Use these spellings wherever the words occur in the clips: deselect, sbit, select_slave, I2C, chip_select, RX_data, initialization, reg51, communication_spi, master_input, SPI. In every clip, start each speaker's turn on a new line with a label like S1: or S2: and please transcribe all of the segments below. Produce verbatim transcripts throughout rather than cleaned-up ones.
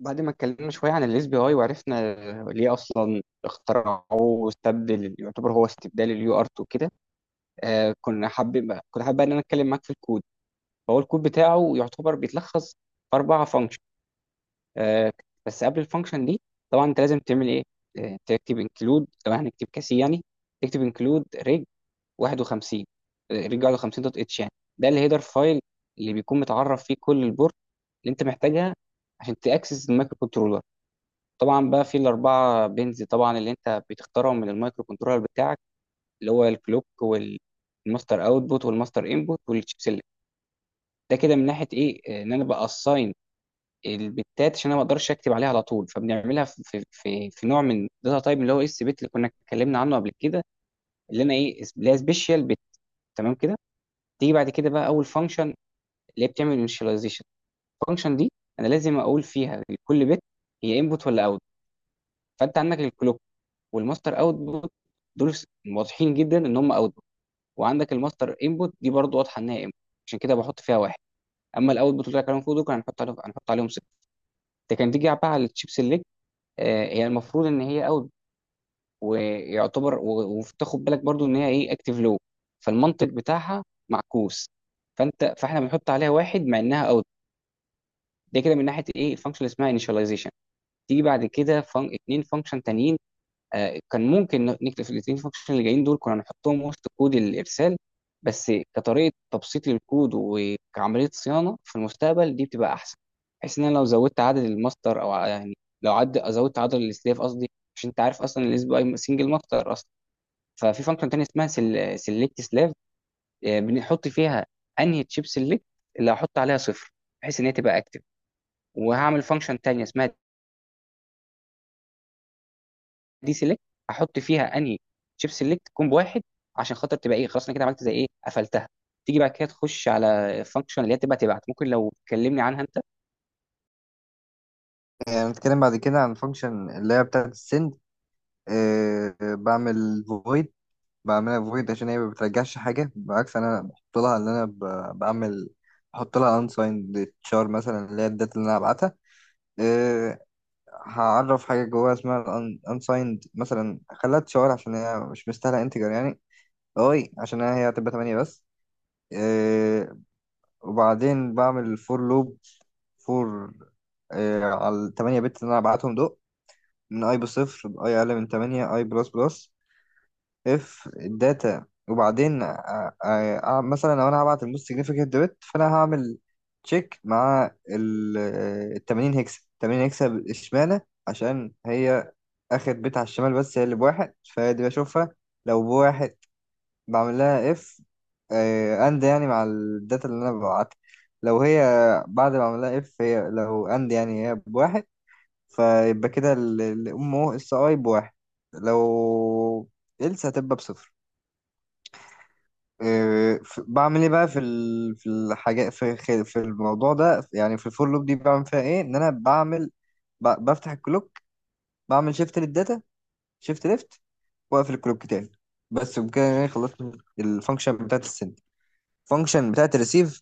S1: بعد ما اتكلمنا شوية عن الاس بي اي وعرفنا ليه أصلا اخترعوه واستبدل، يعتبر هو استبدال اليو ار اتنين كده. آه كنا حابب كنت حابب إن أنا أتكلم معاك في الكود. فهو الكود بتاعه يعتبر بيتلخص في أربعة فانكشن. آه بس قبل الفانكشن دي، طبعا أنت لازم تعمل إيه؟ آه تكتب انكلود لو هنكتب كاسي يعني. تكتب انكلود ريج واحد وخمسين، ريج واحد وخمسين دوت اتش يعني. ده الهيدر فايل اللي بيكون متعرف فيه كل البورت اللي أنت محتاجها عشان تأكسس المايكرو كنترولر. طبعا بقى في الاربعه بنز طبعا اللي انت بتختارهم من المايكرو كنترولر بتاعك، اللي هو الكلوك والماستر اوتبوت والماستر انبوت والتشيب سيلكت. ده كده من ناحيه ايه ان انا باساين البتات. عشان انا ما اقدرش اكتب عليها على طول، فبنعملها في في في, في نوع من داتا تايب اللي هو اس بت اللي كنا اتكلمنا عنه قبل كده، اللي انا ايه اس- اللي هي سبيشال بت. تمام كده. تيجي بعد كده بقى اول فانكشن، اللي هي بتعمل انيشاليزيشن. الفانكشن دي انا لازم اقول فيها لكل بت هي انبوت ولا اوت. فانت عندك الكلوك والماستر اوتبوت دول واضحين جدا ان هم اوتبوت. وعندك الماستر انبوت دي برضو واضحه انها انبوت، عشان كده بحط فيها واحد. اما الاوتبوت اللي كانوا فوق دول، كان هنحط عليهم هنحط عليهم صفر. ده كان. تيجي بقى على الشيب سيلكت، آه، هي المفروض ان هي اوت، ويعتبر و- وتاخد بالك برضو ان هي ايه اكتيف لو، فالمنطق بتاعها معكوس. فانت فاحنا بنحط عليها واحد مع انها اوت. ده كده من ناحيه ايه الفانكشن اللي اسمها initialization. تيجي بعد كده فن... اتنين فانكشن تانيين. آه، كان ممكن نكتب في الاثنين فانكشن اللي جايين دول، كنا نحطهم وسط كود الارسال، بس كطريقه تبسيط للكود وكعمليه صيانه في المستقبل دي بتبقى احسن. بحيث ان انا لو زودت عدد الماستر او ع- يعني لو عد زودت عدد السلاف قصدي. مش انت عارف اصلا الاس بي اي سنجل ماستر اصلا. ففي فانكشن تانية اسمها سيلكت سلاف، بنحط فيها انهي تشيب سيلكت اللي هحط عليها صفر، بحيث ان هي تبقى اكتف. وهعمل فانكشن تانية اسمها دي سيلكت، احط فيها انهي شيب سيلكت كومبو واحد، عشان خاطر تبقى ايه، خلاص انا كده عملت زي ايه قفلتها. تيجي بعد كده تخش على الفانكشن اللي هي تبقى تبعت. ممكن لو تكلمني عنها انت.
S2: آه، هنتكلم بعد كده عن فانكشن اللي هي بتاعة السند. آه، بعمل فويد، بعملها فويد عشان هي ما بترجعش حاجة، بالعكس أنا بحط لها اللي أنا ب- بعمل. بحط لها unsigned char مثلا اللي هي الداتا اللي أنا هبعتها. آه، هعرف حاجة جواها اسمها ال un- unsigned، مثلا خليها تشار عشان هي مش مستاهلة انتجر يعني، أوي عشان هي هتبقى تمانية بس. آه، وبعدين بعمل فور لوب، فور على التمانية بت اللي أنا هبعتهم دول، من اي بصفر باي اقل من ثمانية اي بلس بلس. اف الداتا، وبعدين أ- أ- أ- مثلا لو انا هبعت الموست سيجنفيكانت بت فانا هعمل تشيك مع ال ال ثمانين هكسة، ثمانين هكسة اشمعنى؟ عشان هي اخر بت على الشمال، بس هي اللي بواحد فدي بشوفها. لو بواحد بعمل لها اف اند يعني مع الداتا اللي انا ببعتها. لو هي بعد ما اعمل لها اف هي لو اند يعني هي بواحد، فيبقى كده ال- الام او اس اي بواحد، لو إلسا هتبقى بصفر. إيه، ف- بعمل ايه بقى في ال... في الحاجات في خ- في الموضوع ده، يعني في الفور لوب دي بعمل فيها ايه؟ ان انا بعمل، ب... بفتح الكلوك، بعمل شيفت للداتا، شيفت ليفت، واقفل الكلوك تاني. بس بكده انا خلصت الفانكشن بتاعت السند. الفانكشن بتاعت الريسيف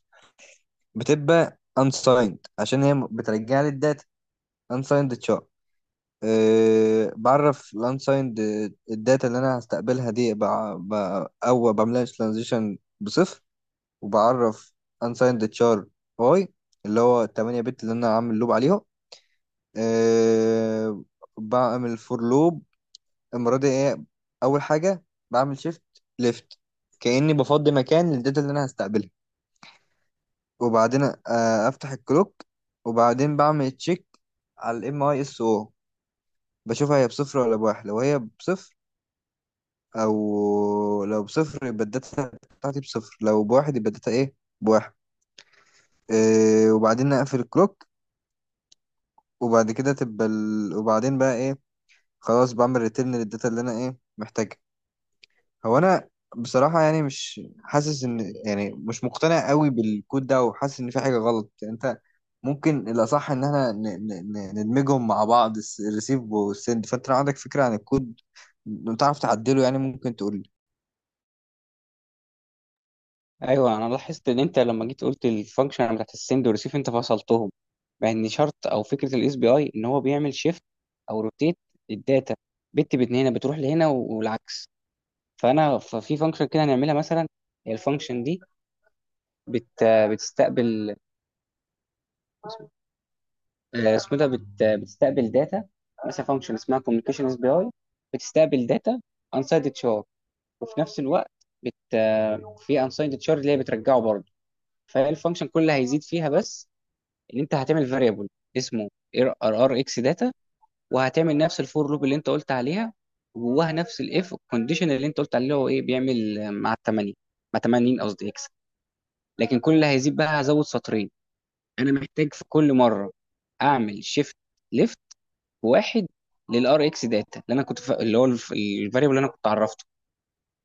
S2: بتبقى unsigned عشان هي بترجع لي الداتا، unsigned char. أه بعرف الانسايند، الداتا اللي انا هستقبلها دي بع... ب... او بعملها ترانزيشن بصفر، وبعرف انسايند تشار باي اللي هو التمانية بت اللي انا عامل لوب عليهم. أه بعمل فور لوب، المره دي ايه اول حاجه بعمل شيفت ليفت، كاني بفضي مكان للداتا اللي انا هستقبلها، وبعدين أه افتح الكلوك، وبعدين بعمل تشيك على الام اي اس او، بشوفها هي بصفر ولا بواحد. لو هي بصفر، او لو بصفر يبقى الداتا بتاعتي بصفر، لو بواحد يبقى الداتا ايه؟ بواحد. إيه، وبعدين نقفل الكلوك، وبعد كده تبقى ال... وبعدين بقى ايه؟ خلاص بعمل ريتيرن للداتا اللي انا ايه محتاجها. هو انا بصراحة يعني مش حاسس ان، يعني مش مقتنع قوي بالكود ده، وحاسس ان في حاجة غلط يعني. انت ممكن الاصح ان احنا ن... ن... ن- ندمجهم مع بعض، الريسيف والسند. فانت لو عندك فكرة عن الكود تعرف تعدله يعني، ممكن تقول.
S1: ايوه، انا لاحظت ان انت لما جيت قلت الفانكشن بتاعت السند والريسيف، انت فصلتهم، مع ان شرط او فكره الاس بي اي ان هو بيعمل شيفت او روتيت الداتا بت بت من هنا بتروح لهنا و- والعكس. فانا ففي فانكشن كده هنعملها مثلا، الفانكشن دي بت بتستقبل، آه، اسمه ده بت- بتستقبل داتا. مثلا فانكشن اسمها كوميونيكيشن اس بي اي، بتستقبل داتا انسايد تشار، وفي نفس الوقت بت آه، في انسايد تشار اللي هي بترجعه برضه. فالفانكشن كلها هيزيد فيها بس ان انت هتعمل فاريبل اسمه ار، ار اكس داتا. وهتعمل نفس الفور لوب اللي انت قلت عليها، وجواها نفس الاف كونديشن اللي انت قلت عليه، اللي هو ايه بيعمل آه، مع الثمانيه، مع ثمانين قصدي اكس. لكن كل اللي هيزيد بقى هزود سطرين. انا محتاج في كل مره اعمل شيفت وواحد للار اكس داتا، اللي انا كنت ف... اللي هو الفاريبل اللي انا كنت عرفته.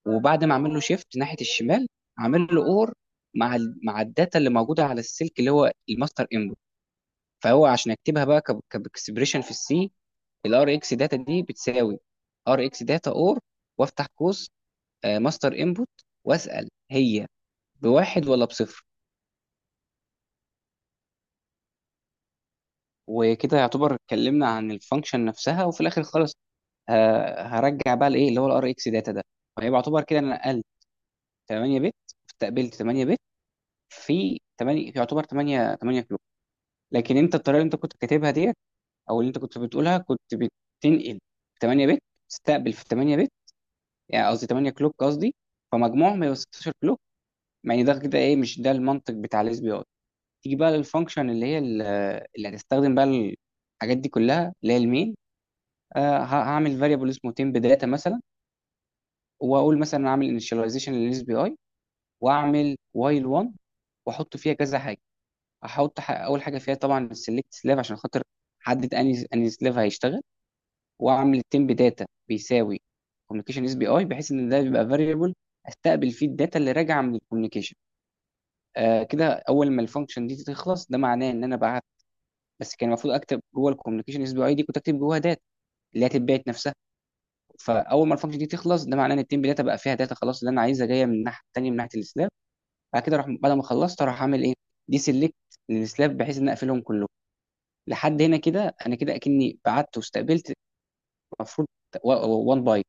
S1: وبعد ما اعمل له شيفت ناحيه الشمال، اعمل له اور مع ال... مع الداتا اللي موجوده على السلك اللي هو الماستر انبوت. فهو عشان اكتبها بقى ك... كاكسبريشن في السي، الار اكس داتا دي بتساوي ار اكس داتا اور، وافتح قوس ماستر انبوت، واسال هي بواحد ولا بصفر. وكده يعتبر اتكلمنا عن الفانكشن نفسها. وفي الاخر خالص ه- هرجع بقى لايه اللي هو الار اكس داتا ده. فيبقى يعتبر كده انا تمانية بت، استقبلت تمانية بت في ثمانية، يعتبر ثمانية ثمانية كيلو. لكن انت الطريقه اللي انت كنت كاتبها ديت، او اللي انت كنت بتقولها، كنت بتنقل تمانية بت تستقبل في تمانية بت، يعني قصدي ثمانية كلوك قصدي، فمجموعهم هيبقى ستاشر كلوك. يعني ده كده ايه، مش ده المنطق بتاع الاس بي اي. تيجي بقى للفانكشن اللي هي ال- اللي هتستخدم بقى الحاجات دي كلها، اللي هي المين. آه، ه- هعمل فاريبل اسمه temp data مثلا، واقول مثلا اعمل initialization للاس بي اي، واعمل while واحد، واحط فيها كذا. احط ح- اول حاجه فيها طبعا السلكت سلاف، عشان خاطر احدد اني اني سلاف هيشتغل. واعمل التيم بداتا بيساوي كوميونيكيشن اس بي اي، بحيث ان ده بيبقى فاريبل استقبل فيه الداتا اللي راجعه من الكوميونيكيشن. آه، كده اول ما الفانكشن دي تخلص ده معناه ان انا بعت. بس كان المفروض اكتب جوه الكوميونيكيشن اس بي اي دي، كنت اكتب جوه داتا اللي هتتبعت نفسها. فاول ما الفانكشن دي تخلص، ده معناه ان التيم بداتا بقى فيها داتا خلاص اللي انا عايزها، جايه من الناحيه الثانيه، من ناحيه السلاف. بعد كده اروح، بعد ما خلصت اروح اعمل ايه، دي سيلكت للسلاف، بحيث ان أنا اقفلهم كلهم. لحد هنا كده انا كده اكني بعت واستقبلت المفروض وان باي.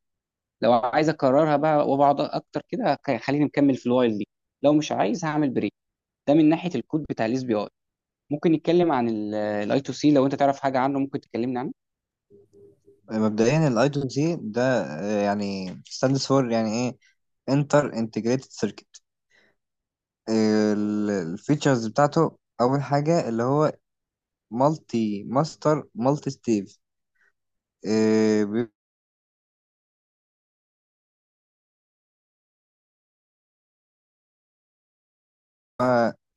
S1: لو عايز اكررها بقى وبقعد اكتر كده هك- خليني مكمل في الوايل دي. لو مش عايز هعمل بريك. ده من ناحيه الكود بتاع الاس بي اي. ممكن نتكلم عن الاي تو سي، لو انت تعرف حاجه عنه ممكن تكلمني عنه.
S2: مبدئيا الايدو دي ده آه، يعني stands for يعني ايه؟ انتر انتجريتد سيركت. الفيتشرز بتاعته، اول حاجه اللي هو مالتي ماستر مالتي ستيف.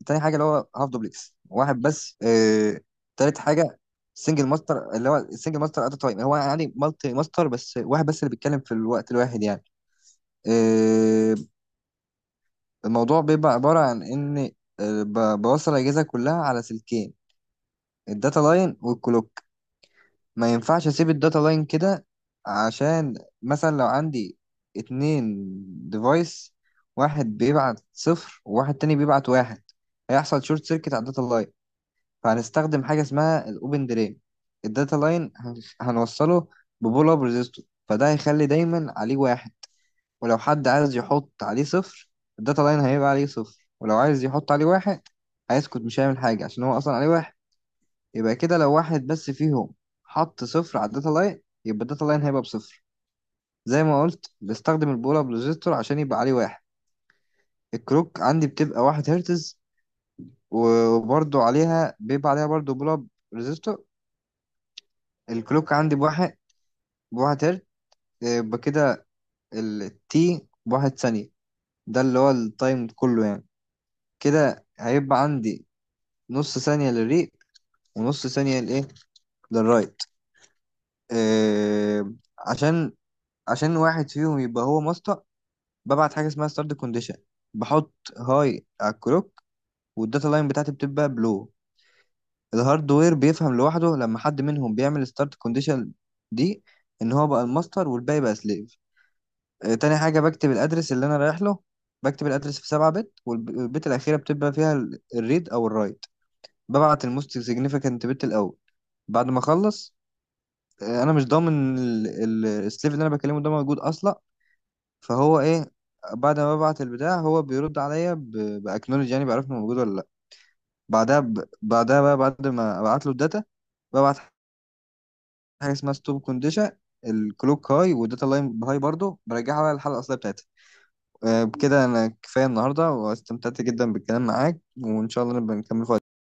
S2: تاني حاجه اللي هو هاف دوبلكس واحد بس. آه، تالت حاجه سنجل ماستر، اللي هو سنجل ماستر ات تايم، هو يعني مالتي ماستر بس واحد بس اللي بيتكلم في الوقت الواحد يعني. آه، الموضوع بيبقى عباره عن ان آه، ب- بوصل الاجهزه كلها على سلكين، الداتا لاين والكلوك. ما ينفعش اسيب الداتا لاين كده، عشان مثلا لو عندي اتنين ديفايس، واحد بيبعت صفر وواحد تاني بيبعت واحد، هيحصل شورت سيركت على الداتا لاين. فهنستخدم حاجة اسمها الاوبن ديلي. الداتا لاين هن- هنوصله ببول اب ريزيستور، فده هيخلي دايما عليه واحد، ولو حد عايز يحط عليه صفر الداتا لاين هيبقى عليه صفر، ولو عايز يحط عليه واحد هيسكت مش هيعمل حاجة عشان هو أصلا عليه واحد. يبقى كده لو واحد بس فيهم حط صفر على الداتا لاين، يبقى الداتا لاين هيبقى بصفر. زي ما قلت بستخدم البولا بروجيكتور عشان يبقى عليه واحد. الكروك عندي بتبقى واحد هرتز، وبرضو عليها بيبقى عليها برضو بولا بروجيكتور. الكلوك عندي بواحد، بواحد هرتز، يبقى كده التي بواحد ثانية، ده اللي هو التايم كله يعني. كده هيبقى عندي نص ثانية للريق، ونص ثانية لإيه؟ للرايت. آه، عشان عشان واحد فيهم يبقى هو ماستر، ببعت حاجه اسمها ستارت كونديشن. بحط هاي على الكلوك، والداتا لاين بتاعتي بتبقى بلو. الهاردوير بيفهم لوحده لما حد منهم بيعمل ستارت كونديشن دي، ان هو بقى الماستر والباقي بقى سليف. آه، تاني حاجه بكتب الادرس اللي انا رايح له، بكتب الادرس في سبعة بت والبت الاخيره بتبقى فيها ال- الريد او الرايت. ببعت الموست سيجنيفيكانت بت الاول. بعد ما اخلص، آه، انا مش ضامن ال- ال- السليف اللي انا بكلمه ده موجود اصلا، فهو ايه؟ بعد ما ببعت البتاع هو بيرد عليا باكنولج، يعني بعرف انه موجود ولا لا. بعدها ب... بعدها بقى بعد ما ابعت له الداتا، ببعت حاجه اسمها ستوب كونديشن. الكلوك هاي والداتا لاين هاي برضو، برجعها بقى للحلقه الاصليه بتاعتها. آه، بكده انا كفايه النهارده، واستمتعت جدا بالكلام معاك، وان شاء الله نبقى نكمل في وقت.